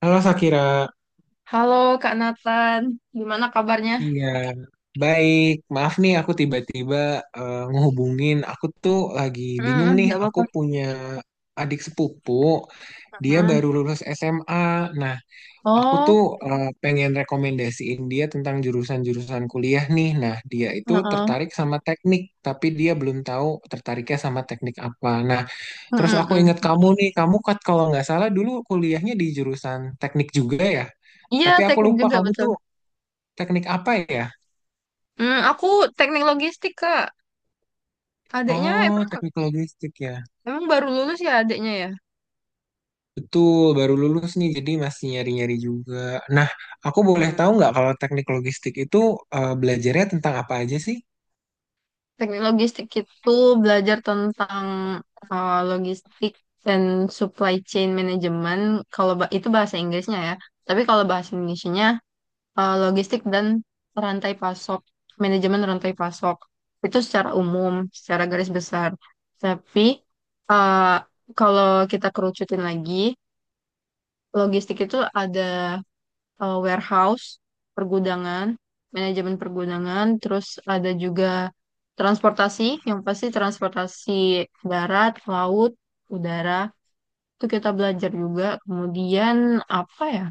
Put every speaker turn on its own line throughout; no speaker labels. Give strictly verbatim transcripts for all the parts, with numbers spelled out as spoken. Halo Sakira,
Halo Kak Nathan, gimana kabarnya?
iya baik. Maaf nih aku tiba-tiba eh, ngehubungin. Aku tuh lagi
Mm,
bingung nih.
nggak
Aku
apa-apa.
punya adik sepupu, dia
Mm.
baru lulus S M A. Nah, aku
Oh,
tuh eh, pengen rekomendasiin dia tentang jurusan-jurusan kuliah nih. Nah, dia itu
heeh.
tertarik sama teknik, tapi dia belum tahu tertariknya sama teknik apa. Nah,
Mm,
terus
mm,
aku ingat
mm.
kamu nih. Kamu kat kalau nggak salah dulu kuliahnya di jurusan teknik juga ya.
Iya,
Tapi aku
teknik
lupa
juga
kamu
betul.
tuh teknik apa ya?
Mm, aku teknik logistik, Kak. Adiknya
Oh,
emang
teknik logistik ya.
emang baru lulus ya, adiknya ya?
Betul, baru lulus nih, jadi masih nyari-nyari juga. Nah, aku boleh
Hmm,
tahu nggak kalau teknik logistik itu eh, belajarnya tentang apa aja sih?
Teknik logistik itu belajar tentang uh, logistik dan supply chain management. Kalau ba- itu bahasa Inggrisnya, ya. Tapi kalau bahasa Indonesianya eh, logistik dan rantai pasok, manajemen rantai pasok. Itu secara umum, secara garis besar. Tapi, eh, kalau kita kerucutin lagi, logistik itu ada eh, warehouse, pergudangan, manajemen pergudangan, terus ada juga transportasi, yang pasti transportasi darat, laut, udara. Itu kita belajar juga. Kemudian apa ya?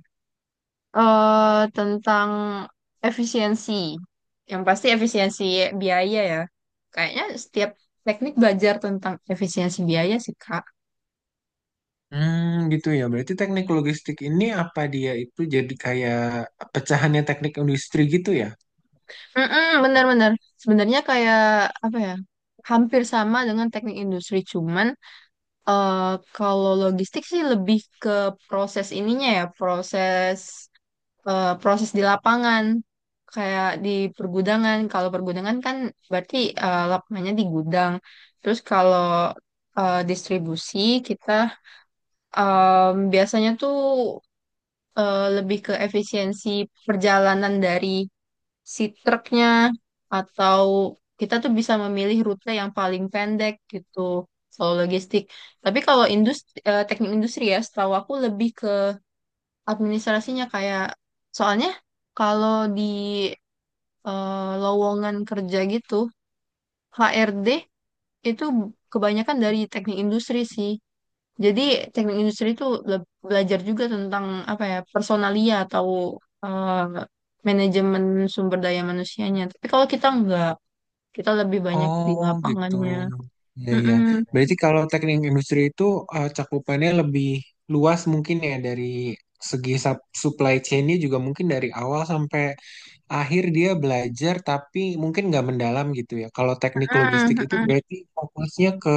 eh Tentang efisiensi. Yang pasti efisiensi biaya, ya. Kayaknya setiap teknik belajar tentang efisiensi biaya sih, Kak.
Hmm, gitu ya. Berarti teknik logistik ini apa dia itu jadi kayak pecahannya teknik industri gitu ya?
Mm-mm, benar-benar. Sebenarnya kayak apa ya? Hampir sama dengan teknik industri, cuman eh, kalau logistik sih lebih ke proses ininya ya, proses eh, proses di lapangan kayak di pergudangan. Kalau pergudangan kan berarti eh, lapangannya di gudang. Terus kalau eh, distribusi kita em, biasanya tuh eh, lebih ke efisiensi perjalanan dari si truknya, atau kita tuh bisa memilih rute yang paling pendek gitu. Kalau logistik. Tapi kalau industri, eh, teknik industri ya, setahu aku lebih ke administrasinya, kayak soalnya kalau di eh, lowongan kerja gitu, H R D itu kebanyakan dari teknik industri sih. Jadi teknik industri itu le- belajar juga tentang apa ya, personalia atau eh, manajemen sumber daya manusianya. Tapi kalau kita enggak, kita lebih banyak di
Oh, gitu.
lapangannya.
Ya, ya.
Mm-mm,
Berarti kalau teknik industri itu eh, cakupannya lebih luas mungkin ya dari segi sup- supply chain-nya juga mungkin dari awal sampai akhir dia belajar tapi mungkin nggak mendalam gitu ya. Kalau teknik
mm-mm,
logistik itu
mm-mm.
berarti fokusnya ke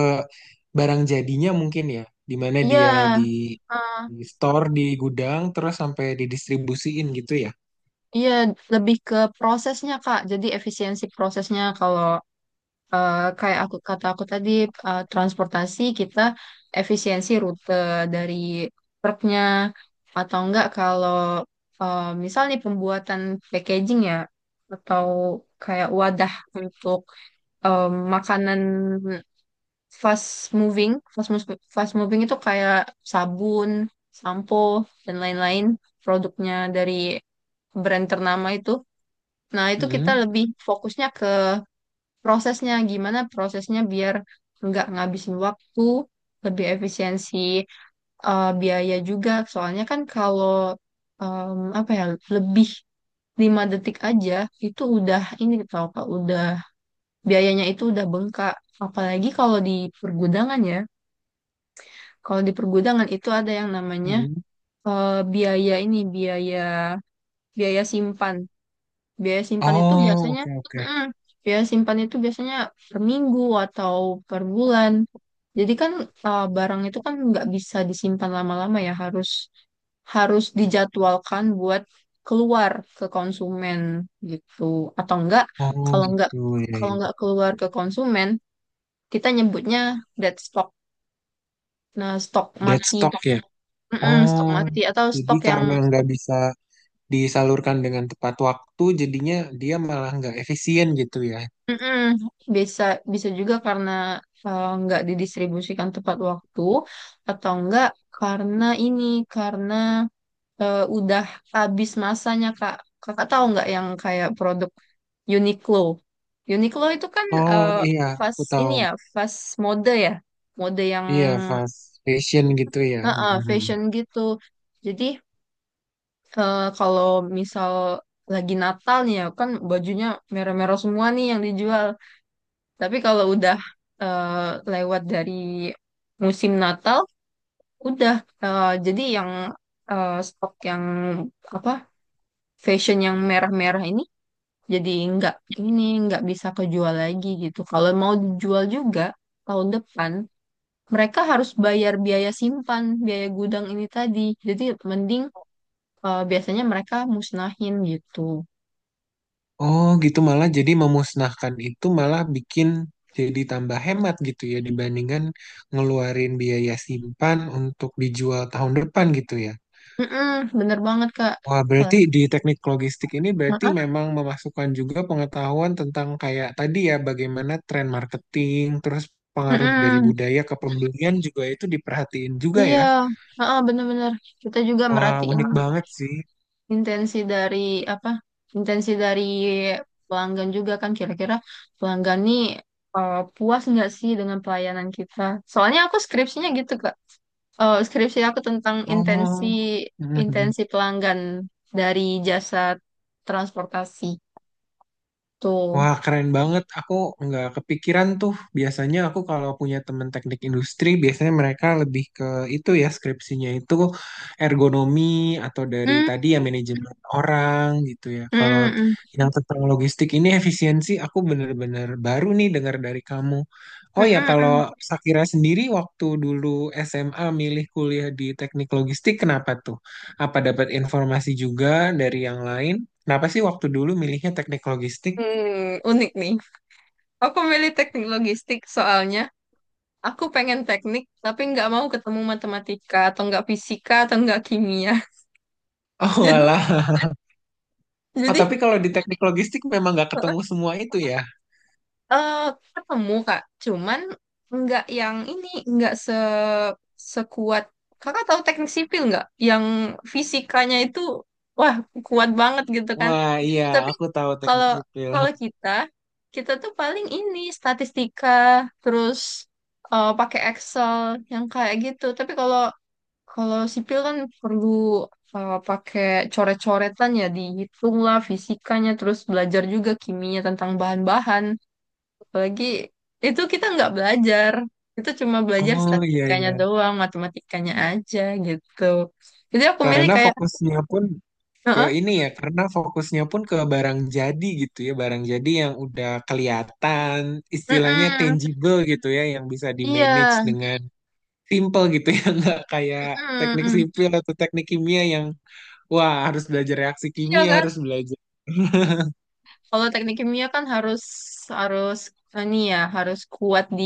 barang jadinya mungkin ya, di mana
Iya.
dia di,
eh,
di store di gudang terus sampai didistribusiin gitu ya.
Iya, lebih ke prosesnya, Kak. Jadi efisiensi prosesnya kalau eh, kayak aku kata aku tadi eh, transportasi kita efisiensi rute dari truknya, atau enggak kalau eh, misal nih pembuatan packaging ya, atau kayak wadah untuk eh, makanan fast moving fast, mus- fast moving itu kayak sabun, sampo dan lain-lain, produknya dari brand ternama itu. Nah, itu kita
Mm-mm,
lebih fokusnya ke prosesnya, gimana prosesnya biar nggak ngabisin waktu, lebih efisiensi eh, biaya juga, soalnya kan kalau em, apa ya, lebih lima detik aja itu udah ini tau Kak, udah biayanya itu udah bengkak. Apalagi kalau di pergudangan ya, kalau di pergudangan itu ada yang namanya
mm-mm.
eh, biaya ini, biaya biaya simpan. Biaya simpan itu
Oh,
biasanya,
oke, oke.
mm, biaya simpan itu biasanya per minggu atau per bulan. Jadi kan uh, barang itu kan nggak bisa disimpan lama-lama ya, harus harus dijadwalkan buat keluar ke konsumen gitu. Atau enggak,
Oh,
kalau enggak
gitu ya.
kalau enggak
Ya.
keluar ke konsumen, kita nyebutnya dead stock. Nah, stok
Dead
mati.
stock ya.
Mm-mm, stok
Oh,
mati atau
jadi
stok yang.
karena nggak bisa disalurkan dengan tepat waktu, jadinya dia malah nggak efisien gitu ya.
Mm-mm. Bisa bisa juga karena eh, nggak didistribusikan tepat waktu, atau enggak karena ini, karena eh, udah habis masanya, Kak. Kakak tahu nggak yang kayak produk Uniqlo? Uniqlo itu kan
Oh
eh,
iya,
fast
aku
ini
tahu.
ya, fast mode ya. Mode yang
Iya, fast fashion gitu ya.
eh, eh,
Mhm.
fashion gitu. Jadi eh, kalau misal lagi Natal nih ya kan, bajunya merah-merah semua nih yang dijual. Tapi kalau udah eh, lewat dari musim Natal, udah eh, jadi yang eh, stok yang apa, fashion yang merah-merah ini jadi nggak, ini nggak bisa kejual lagi gitu. Kalau mau dijual juga tahun depan, mereka harus bayar biaya simpan, biaya gudang ini tadi. Jadi mending eh, biasanya mereka musnahin gitu.
Oh, gitu malah jadi memusnahkan itu malah bikin jadi tambah hemat gitu ya dibandingkan ngeluarin biaya simpan untuk dijual tahun depan gitu ya.
Mm-mm, bener banget, Kak.
Wah, berarti di
Apalagi-
teknik logistik ini berarti memang memasukkan juga pengetahuan tentang kayak tadi ya bagaimana tren marketing, terus pengaruh dari
Mm-mm.
budaya ke pembelian juga itu diperhatiin juga
Iya,
ya.
heeh, bener-bener. Kita juga
Wah,
merhatiin
unik banget sih.
intensi dari apa? Intensi dari pelanggan juga, kan kira-kira pelanggan nih eh, puas nggak sih dengan pelayanan kita? Soalnya aku skripsinya gitu, Kak. Eh, skripsi aku tentang intensi
Oh.
intensi pelanggan dari jasa transportasi tuh.
Wah, keren banget. Aku nggak kepikiran tuh. Biasanya aku kalau punya temen teknik industri, biasanya mereka lebih ke itu ya, skripsinya itu ergonomi atau dari
Hmm,
tadi ya manajemen orang gitu ya.
mm,
Kalau
mm,
yang tentang logistik ini efisiensi, aku bener-bener baru nih dengar dari kamu.
mm,
Oh ya,
mm,
kalau
mm.
Sakira sendiri waktu dulu S M A milih kuliah di teknik logistik, kenapa tuh? Apa dapat informasi juga dari yang lain? Kenapa sih waktu dulu milihnya teknik logistik?
Hmm, unik nih. Aku milih teknik logistik soalnya aku pengen teknik, tapi nggak mau ketemu matematika, atau nggak fisika, atau nggak kimia.
Oh
Jadi,
alah. Oh,
jadi
tapi kalau di teknik logistik memang nggak
eh
ketemu semua itu ya.
eh, ketemu, Kak. Cuman nggak yang ini, nggak se sekuat. Kakak tahu teknik sipil nggak? Yang fisikanya itu, wah, kuat banget gitu kan.
Wah iya,
Tapi
aku tahu teknik
kalau
sipil.
kalau kita, kita tuh paling ini, statistika, terus eh, pakai Excel, yang kayak gitu. Tapi kalau Kalau sipil kan perlu uh, pakai coret-coretan ya, dihitung lah fisikanya, terus belajar juga kimia tentang bahan-bahan. Apalagi itu kita nggak belajar, itu cuma belajar
Oh iya,
statistikanya
iya.
doang, matematikanya aja gitu. Jadi aku milih
Karena
kayak,
fokusnya pun ke
"Heeh,
ini ya, karena fokusnya pun ke barang jadi gitu ya, barang jadi yang udah kelihatan, istilahnya
mm-mm,
tangible gitu ya, yang bisa
iya,
di-manage dengan simple gitu ya, nggak kayak
mm-mm,
teknik
mm-mm."
sipil atau teknik kimia yang wah harus belajar reaksi
Iya,
kimia,
kan?
harus belajar
Kalau teknik kimia kan harus harus ini ya, harus kuat di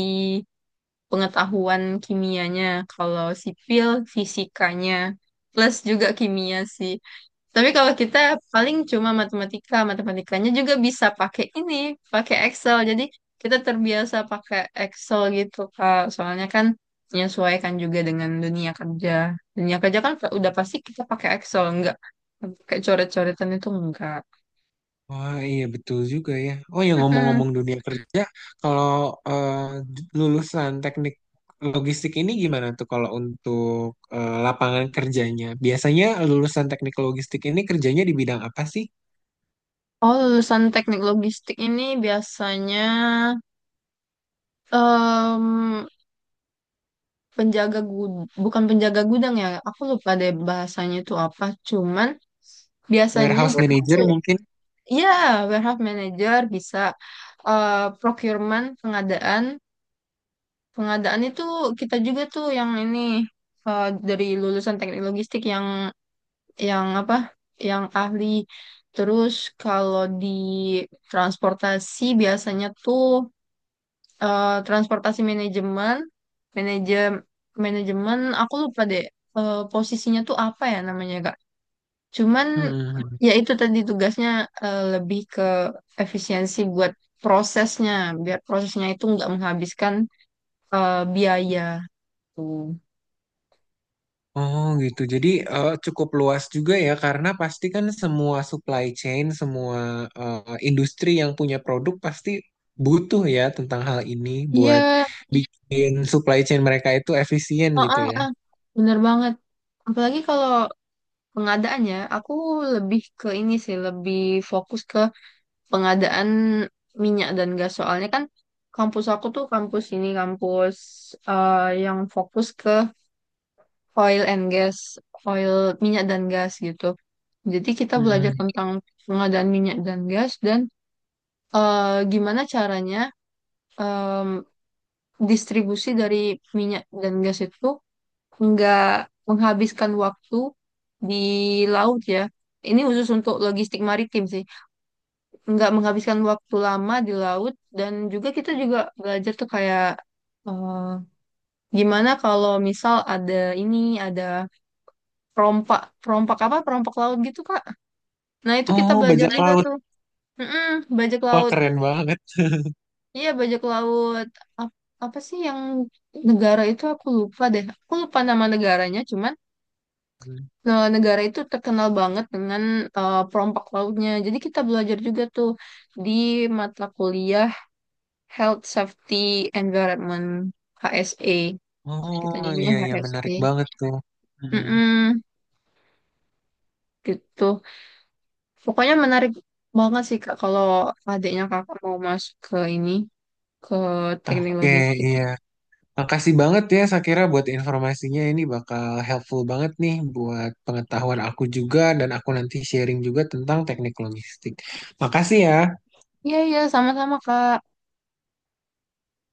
pengetahuan kimianya, kalau sipil fisikanya, plus juga kimia sih. Tapi kalau kita paling cuma matematika, matematikanya juga bisa pakai ini, pakai Excel. Jadi kita terbiasa pakai Excel gitu, Kak. Soalnya kan menyesuaikan juga dengan dunia kerja. Dunia kerja kan udah pasti kita pakai Excel, enggak pakai coret-coretan itu enggak.
Wah, iya betul juga ya. Oh ya
Mm-mm.
ngomong-ngomong dunia kerja, kalau eh, lulusan teknik logistik ini gimana tuh kalau untuk eh, lapangan kerjanya? Biasanya lulusan teknik logistik ini kerjanya di bidang apa sih?
Oh, lulusan teknik logistik ini biasanya penjaga gudang, bukan penjaga gudang ya, aku lupa deh bahasanya itu apa, cuman biasanya
Warehouse manager mungkin?
ya warehouse manager, bisa eh, procurement, pengadaan. Pengadaan itu kita juga tuh yang ini, eh, dari lulusan teknik logistik yang yang apa, yang ahli. Terus kalau di transportasi biasanya tuh eh, transportasi manajemen, manajem manajemen, aku lupa deh eh, posisinya tuh apa ya namanya, Kak. Cuman
Hmm.
ya itu tadi tugasnya eh, lebih ke efisiensi buat prosesnya, biar prosesnya itu nggak menghabiskan eh, biaya. Tuh.
Oh gitu. Jadi eh, cukup luas juga ya karena pasti kan semua supply chain, semua eh, industri yang punya produk pasti butuh ya tentang hal ini buat
Iya,
bikin supply chain mereka itu efisien
ah,
gitu
ah,
ya.
ah, bener banget. Apalagi kalau pengadaan ya, aku lebih ke ini sih, lebih fokus ke pengadaan minyak dan gas. Soalnya kan kampus aku tuh kampus ini kampus eh, yang fokus ke oil and gas, oil minyak dan gas gitu. Jadi kita belajar
Mm-mm.
tentang pengadaan minyak dan gas, dan eh, gimana caranya em, distribusi dari minyak dan gas itu nggak menghabiskan waktu di laut ya. Ini khusus untuk logistik maritim sih. Nggak menghabiskan waktu lama di laut, dan juga kita juga belajar tuh kayak eh, gimana kalau misal ada ini, ada perompak, perompak apa, perompak laut gitu, Kak. Nah, itu kita
Oh,
belajar
bajak
juga
nah, laut.
tuh. Mm-mm, bajak
Wah,
laut.
keren banget.
Iya, bajak laut. Ap- Apa sih yang, negara itu aku lupa deh. Aku lupa nama negaranya, cuman
Mm.
eh, negara itu terkenal banget dengan eh, perompak lautnya. Jadi kita belajar juga tuh di mata kuliah Health Safety Environment, H S E. Kita
Oh,
nyebutnya
iya iya
H S E.
menarik banget tuh. Mm.
Mm-mm, gitu. Pokoknya menarik banget sih, Kak, kalau adiknya Kakak mau masuk ke ini ke teknik
Oke,
logistik.
iya. Makasih banget ya Sakira buat informasinya ini bakal helpful banget nih buat pengetahuan aku juga dan aku nanti sharing juga tentang teknik logistik. Makasih ya.
Iya, iya, sama-sama, Kak.